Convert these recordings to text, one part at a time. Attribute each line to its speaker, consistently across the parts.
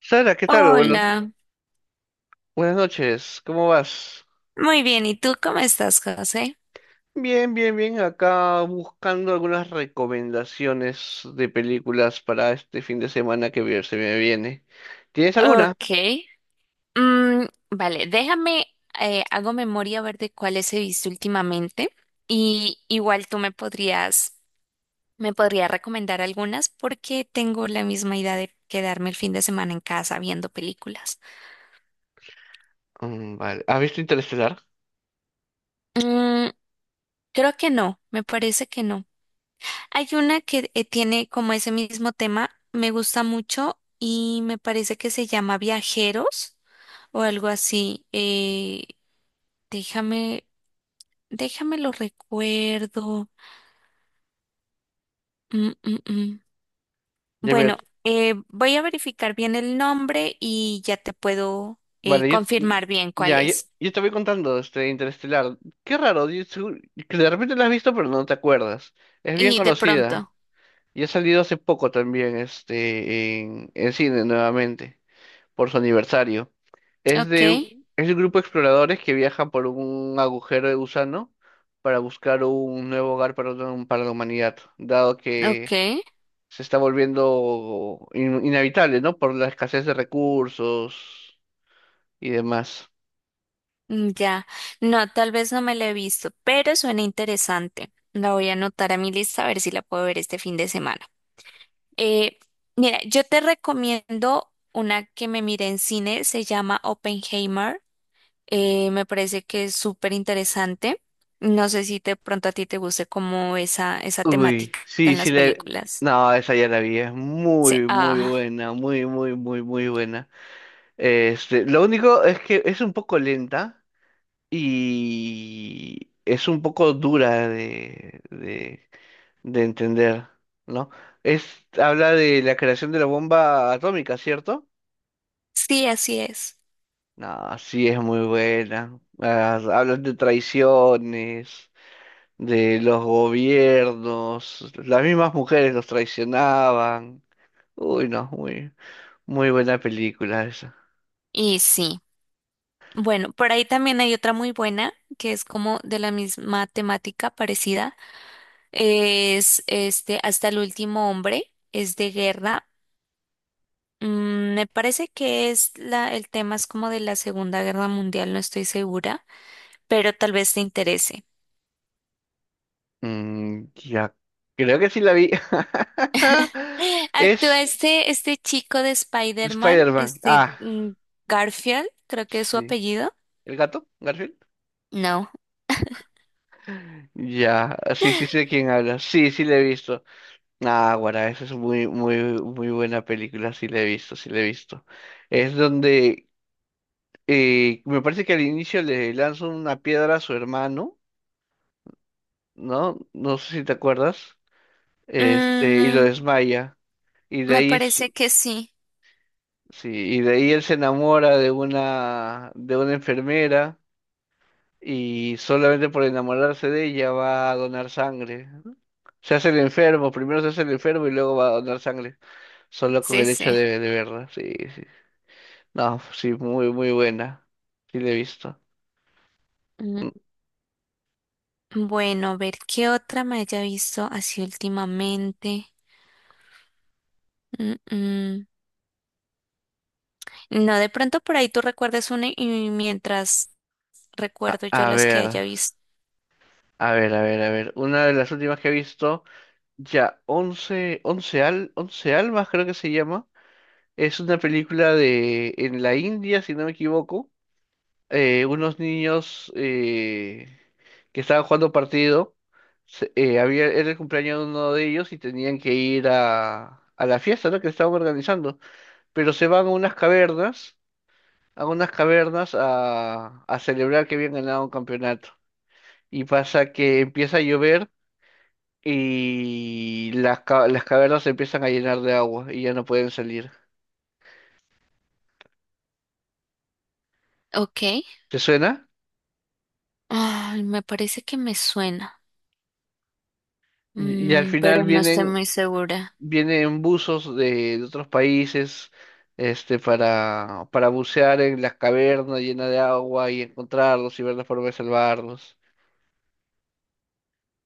Speaker 1: Sara, ¿qué tal? Buenas,
Speaker 2: Hola,
Speaker 1: buenas noches, ¿cómo vas?
Speaker 2: muy bien. ¿Y tú cómo estás, José?
Speaker 1: Bien, bien, bien. Acá buscando algunas recomendaciones de películas para este fin de semana que se me viene. ¿Tienes alguna?
Speaker 2: Ok. Mm, vale, déjame, hago memoria a ver de cuáles he visto últimamente y igual tú me podrías recomendar algunas porque tengo la misma idea de quedarme el fin de semana en casa viendo películas.
Speaker 1: Mm, vale. ¿Has visto Interestelar?
Speaker 2: Mm, creo que no, me parece que no. Hay una que tiene como ese mismo tema, me gusta mucho y me parece que se llama Viajeros o algo así. Déjame, déjame lo recuerdo. Mm, mm, mm.
Speaker 1: Ya, mira.
Speaker 2: Bueno, voy a verificar bien el nombre y ya te puedo
Speaker 1: Vale,
Speaker 2: confirmar bien cuál
Speaker 1: ya, yo,
Speaker 2: es.
Speaker 1: yo te voy contando este Interestelar. Qué raro, que de repente la has visto pero no te acuerdas. Es bien
Speaker 2: Y de
Speaker 1: conocida
Speaker 2: pronto.
Speaker 1: y ha salido hace poco también en cine nuevamente por su aniversario. Es
Speaker 2: Ok,
Speaker 1: de es un grupo de exploradores que viaja por un agujero de gusano para buscar un nuevo hogar para, para la humanidad, dado
Speaker 2: ok.
Speaker 1: que se está volviendo inhabitable, ¿no? Por la escasez de recursos y demás.
Speaker 2: Mm, ya, no, tal vez no me la he visto, pero suena interesante. La voy a anotar a mi lista a ver si la puedo ver este fin de semana. Eh, mira, yo te recomiendo una que me miré en cine, se llama Oppenheimer. Me parece que es súper interesante. No sé si de pronto a ti te guste como esa
Speaker 1: Uy,
Speaker 2: temática
Speaker 1: sí,
Speaker 2: en
Speaker 1: sí
Speaker 2: las
Speaker 1: le...
Speaker 2: películas.
Speaker 1: No, esa ya la vi, es
Speaker 2: Sí,
Speaker 1: muy, muy
Speaker 2: ah,
Speaker 1: buena, muy, muy, muy, muy buena. Lo único es que es un poco lenta y es un poco dura de entender, ¿no? Es, Habla de la creación de la bomba atómica, ¿cierto?
Speaker 2: sí, así es.
Speaker 1: No, sí es muy buena. Ah, hablan de traiciones, de los gobiernos, las mismas mujeres los traicionaban. Uy, no, muy, muy buena película esa.
Speaker 2: Y sí. Bueno, por ahí también hay otra muy buena que es como de la misma temática parecida. Es este Hasta el último hombre, es de guerra. Me parece que es el tema es como de la Segunda Guerra Mundial, no estoy segura, pero tal vez te interese.
Speaker 1: Ya, creo que sí la vi.
Speaker 2: Actúa
Speaker 1: Es
Speaker 2: este chico de Spider-Man,
Speaker 1: Spider-Man. Ah,
Speaker 2: Garfield, creo que es su
Speaker 1: sí.
Speaker 2: apellido.
Speaker 1: ¿El gato? ¿Garfield?
Speaker 2: No.
Speaker 1: Ya, sí, sí sé de quién habla. Sí, sí le he visto. Ah, guará, esa es muy, muy, muy buena película, sí la he visto, sí la he visto. Es donde me parece que al inicio le lanza una piedra a su hermano, ¿no? No sé si te acuerdas, y lo
Speaker 2: Mm,
Speaker 1: desmaya. Y de
Speaker 2: me
Speaker 1: ahí,
Speaker 2: parece que sí.
Speaker 1: sí, y de ahí él se enamora de una enfermera y solamente por enamorarse de ella va a donar sangre. Se hace el enfermo, primero se hace el enfermo y luego va a donar sangre, solo con
Speaker 2: Sí,
Speaker 1: el hecho
Speaker 2: sí.
Speaker 1: de verla, sí, sí. No, pues sí, muy, muy buena. Sí, la he visto.
Speaker 2: Mm,
Speaker 1: Mm,
Speaker 2: Bueno, a ver qué otra me haya visto así últimamente. Mm, mm. No, de pronto por ahí tú recuerdes una y mientras recuerdo yo
Speaker 1: A
Speaker 2: las que
Speaker 1: ver.
Speaker 2: haya
Speaker 1: Mm.
Speaker 2: visto.
Speaker 1: A ver, a ver, a ver. Una de las últimas que he visto, ya, Once Almas creo que se llama. Es una película en la India, si no me equivoco. Unos niños que estaban jugando partido. Era el cumpleaños de uno de ellos y tenían que ir a la fiesta, ¿no?, que estaban organizando. Pero se van a unas cavernas a celebrar que habían ganado un campeonato. Y pasa que empieza a llover y las cavernas se empiezan a llenar de agua y ya no pueden salir.
Speaker 2: Ok.
Speaker 1: ¿Te suena?
Speaker 2: Ay, me parece que me suena,
Speaker 1: Y al final
Speaker 2: Pero no estoy muy segura.
Speaker 1: vienen buzos de otros países, para bucear en las cavernas llenas de agua y encontrarlos y ver la forma de salvarlos.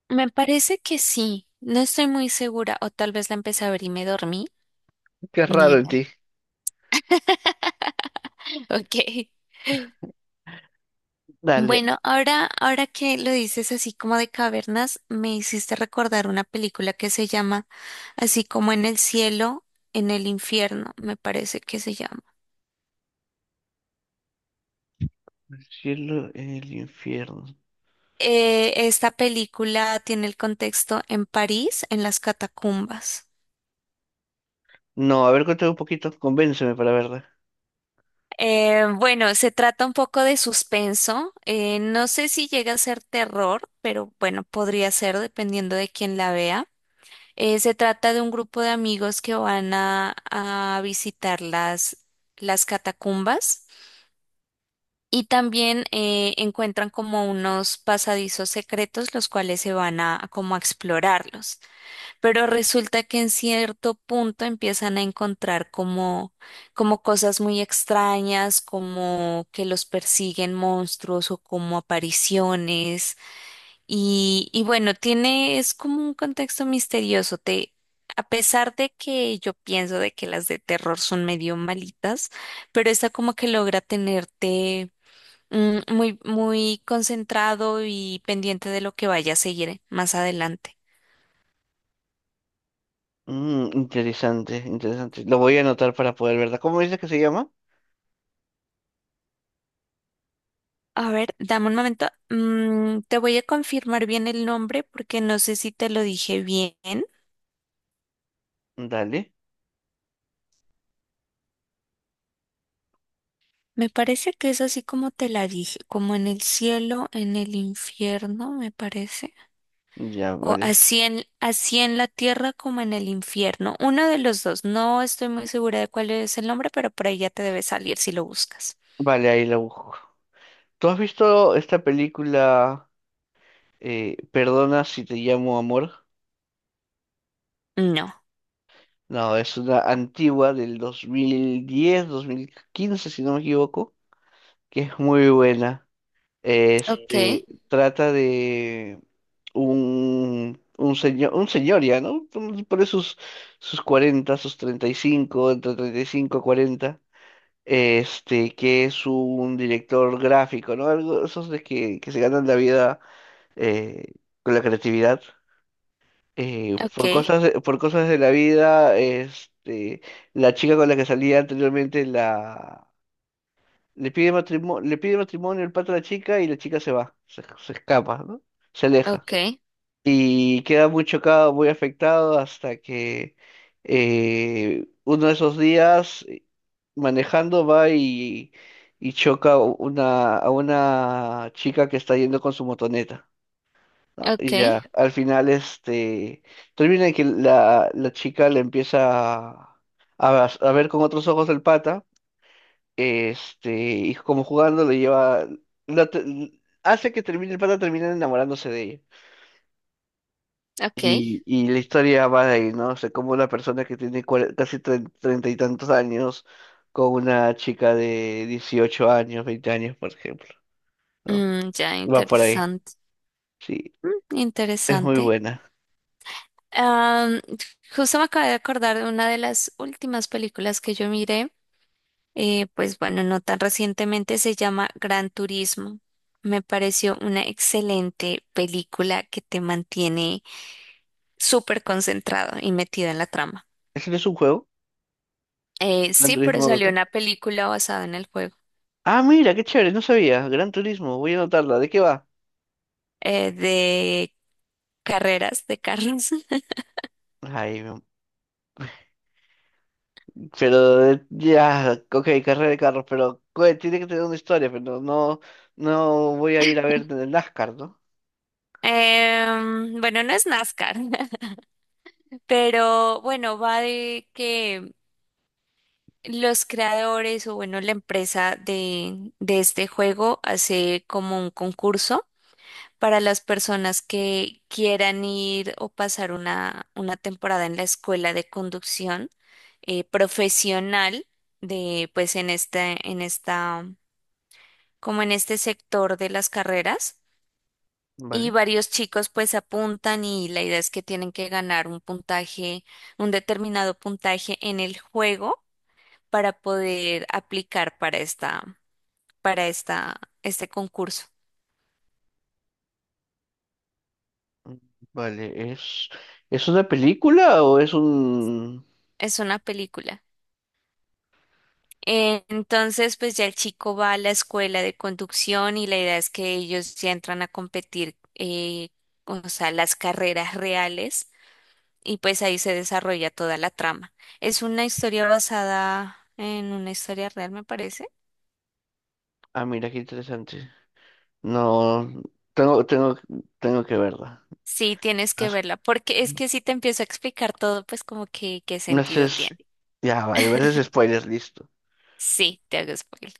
Speaker 2: Me parece que sí, no estoy muy segura, o tal vez la empecé a ver y me dormí.
Speaker 1: Qué
Speaker 2: Ni
Speaker 1: raro en
Speaker 2: idea.
Speaker 1: ti.
Speaker 2: Ok.
Speaker 1: Dale.
Speaker 2: Bueno, ahora que lo dices así como de cavernas, me hiciste recordar una película que se llama así como en el cielo, en el infierno, me parece que se llama.
Speaker 1: El cielo, el infierno.
Speaker 2: Esta película tiene el contexto en París, en las catacumbas.
Speaker 1: No, a ver, cuéntame un poquito, convénceme para verla.
Speaker 2: Bueno, se trata un poco de suspenso. No sé si llega a ser terror, pero bueno, podría ser dependiendo de quién la vea. Se trata de un grupo de amigos que van a visitar las catacumbas y también encuentran como unos pasadizos secretos los cuales se van a como a explorarlos. Pero resulta que en cierto punto empiezan a encontrar como cosas muy extrañas, como que los persiguen monstruos o como apariciones. Y bueno, es como un contexto misterioso. A pesar de que yo pienso de que las de terror son medio malitas, pero esta como que logra tenerte muy, muy concentrado y pendiente de lo que vaya a seguir más adelante.
Speaker 1: Mm, interesante, interesante. Lo voy a anotar para poder verla. ¿Cómo dices que se llama?
Speaker 2: A ver, dame un momento. Te voy a confirmar bien el nombre porque no sé si te lo dije bien.
Speaker 1: Dale,
Speaker 2: Me parece que es así como te la dije, como en el cielo, en el infierno, me parece.
Speaker 1: ya,
Speaker 2: O
Speaker 1: vale.
Speaker 2: así en la tierra como en el infierno. Uno de los dos. No estoy muy segura de cuál es el nombre, pero por ahí ya te debe salir si lo buscas.
Speaker 1: Vale, ahí la busco. ¿Tú has visto esta película, Perdona si te llamo amor?
Speaker 2: No.
Speaker 1: No, es una antigua del 2010, 2015 si no me equivoco, que es muy buena.
Speaker 2: Ok,
Speaker 1: Este, trata de un señor ya, ¿no? Por sus 40, sus 35, entre 35 y 40, que es un director gráfico, ¿no? Algo, esos de que se ganan la vida eh, con la creatividad.
Speaker 2: ok,
Speaker 1: Por cosas, por cosas de la vida, la chica con la que salía anteriormente le pide matrimonio, el pato a la chica, y la chica se va, se escapa, ¿no? Se aleja.
Speaker 2: ok,
Speaker 1: Y queda muy chocado, muy afectado hasta que uno de esos días manejando va y choca a una chica que está yendo con su motoneta, ¿no?
Speaker 2: ok,
Speaker 1: Y ya, al final, termina en que la chica le empieza a ver con otros ojos el pata, y como jugando le lleva, la te- hace que termine, el pata termina enamorándose de ella.
Speaker 2: ok.
Speaker 1: Y la historia va de ahí, ¿no? O sea, como una persona que tiene casi treinta y tantos años con una chica de 18 años, 20 años, por ejemplo, ¿no?
Speaker 2: Mm, ya,
Speaker 1: Va por ahí.
Speaker 2: interesante.
Speaker 1: Sí,
Speaker 2: Mm,
Speaker 1: es muy
Speaker 2: interesante.
Speaker 1: buena.
Speaker 2: Am, justo me acabo de acordar de una de las últimas películas que yo miré, pues bueno, no tan recientemente, se llama Gran Turismo. Me pareció una excelente película que te mantiene súper concentrado y metido en la trama.
Speaker 1: ¿Ese no es un juego?
Speaker 2: Eh,
Speaker 1: Gran
Speaker 2: sí, pero
Speaker 1: Turismo
Speaker 2: salió
Speaker 1: Auto.
Speaker 2: una película basada en el juego
Speaker 1: Ah, mira, qué chévere, no sabía. Gran Turismo, voy a anotarla. ¿De qué va?
Speaker 2: de carreras de carros.
Speaker 1: Ay, pero ya, ok, carrera de carros, pero tiene que tener una historia, pero no, no voy a ir a ver en el NASCAR, ¿no?
Speaker 2: Bueno no es NASCAR, pero bueno, va de que los creadores o bueno, la empresa de este juego hace como un concurso para las personas que quieran ir o pasar una temporada en la escuela de conducción profesional de pues en este, en esta, como en este sector de las carreras. Y
Speaker 1: ¿Vale?
Speaker 2: varios chicos pues apuntan y la idea es que tienen que ganar un puntaje, un determinado puntaje en el juego para poder aplicar este concurso.
Speaker 1: Mm, Vale, ¿es una película o es un...
Speaker 2: Es una película. Entonces, pues ya el chico va a la escuela de conducción y la idea es que ellos ya entran a competir, o sea, las carreras reales y pues ahí se desarrolla toda la trama. Es una historia basada en una historia real, me parece.
Speaker 1: Ah, mira, qué interesante. No, tengo, tengo, tengo que verla.
Speaker 2: Sí, tienes que
Speaker 1: Haz-
Speaker 2: verla, porque es que si te empiezo a explicar todo, pues como que qué
Speaker 1: No sé,
Speaker 2: sentido tiene.
Speaker 1: ya, vale, me haces spoilers, listo.
Speaker 2: Sí, te hago spoiler.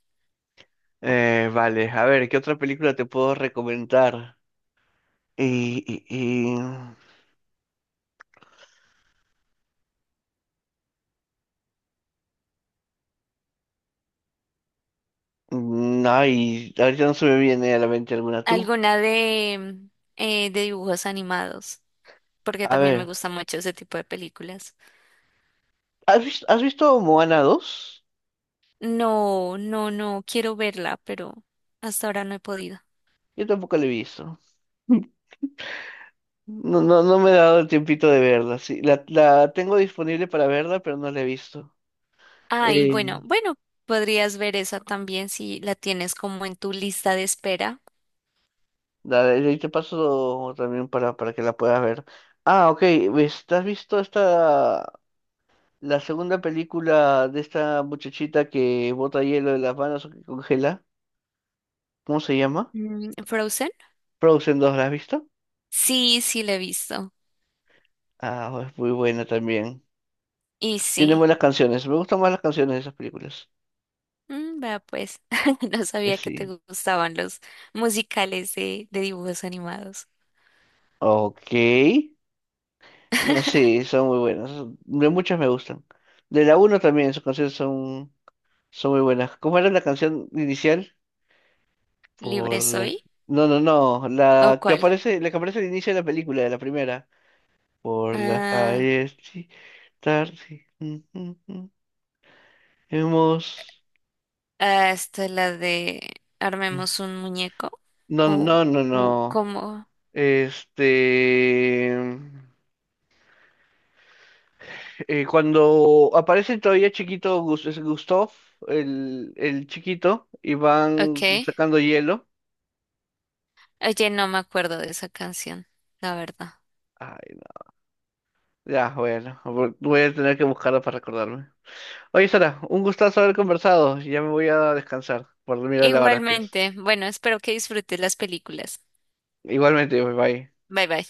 Speaker 1: Vale, a ver, ¿qué otra película te puedo recomendar? Y, y, y... Ay, ahorita no se me viene a la mente alguna tú.
Speaker 2: Alguna de, de dibujos animados, porque
Speaker 1: A
Speaker 2: también me
Speaker 1: ver,
Speaker 2: gusta mucho ese tipo de películas.
Speaker 1: ¿has visto Moana 2?
Speaker 2: No, no, no, quiero verla, pero hasta ahora no he podido.
Speaker 1: Yo tampoco la he visto. No, no, no me he dado el tiempito de verla. Sí, la tengo disponible para verla, pero no la he visto.
Speaker 2: Ay,
Speaker 1: Eh,
Speaker 2: bueno, bueno, podrías ver esa también si la tienes como en tu lista de espera.
Speaker 1: Dale, ahí te paso también para que la puedas ver. Ah, ok. ¿Has visto esta, la segunda película de esta muchachita que bota hielo de las manos o que congela? ¿Cómo se llama?
Speaker 2: ¿Frozen?
Speaker 1: Frozen 2, ¿la has visto?
Speaker 2: Sí, sí, la he visto.
Speaker 1: Ah, es muy buena también.
Speaker 2: Y
Speaker 1: Tiene
Speaker 2: sí.
Speaker 1: buenas canciones. Me gustan más las canciones de esas películas.
Speaker 2: Vea pues, no sabía que te
Speaker 1: Sí.
Speaker 2: gustaban los musicales de dibujos animados.
Speaker 1: Ok. No, sí, son muy buenas. De muchas me gustan. De la uno también, sus canciones son muy buenas. ¿Cómo era la canción inicial?
Speaker 2: ¿Libre
Speaker 1: Por la...
Speaker 2: soy?
Speaker 1: No, no, no.
Speaker 2: ¿O cuál?
Speaker 1: La que aparece al inicio de la película, de la primera. Por la
Speaker 2: Ah.
Speaker 1: calles sí, tarde. Hemos.
Speaker 2: Ah, esta la de armemos un muñeco
Speaker 1: No,
Speaker 2: o
Speaker 1: no, no, no.
Speaker 2: o
Speaker 1: No.
Speaker 2: cómo.
Speaker 1: Este. Cuando aparece todavía chiquito, es Gustav, el chiquito, y van
Speaker 2: Okay.
Speaker 1: sacando hielo.
Speaker 2: Oye, no me acuerdo de esa canción, la verdad.
Speaker 1: Ay, no. Ya, bueno, voy a tener que buscarlo para recordarme. Oye, Sara, un gustazo haber conversado. Ya me voy a descansar por mirar la hora que es.
Speaker 2: Igualmente, bueno, espero que disfrutes las películas.
Speaker 1: Igualmente, bye bye.
Speaker 2: Bye bye.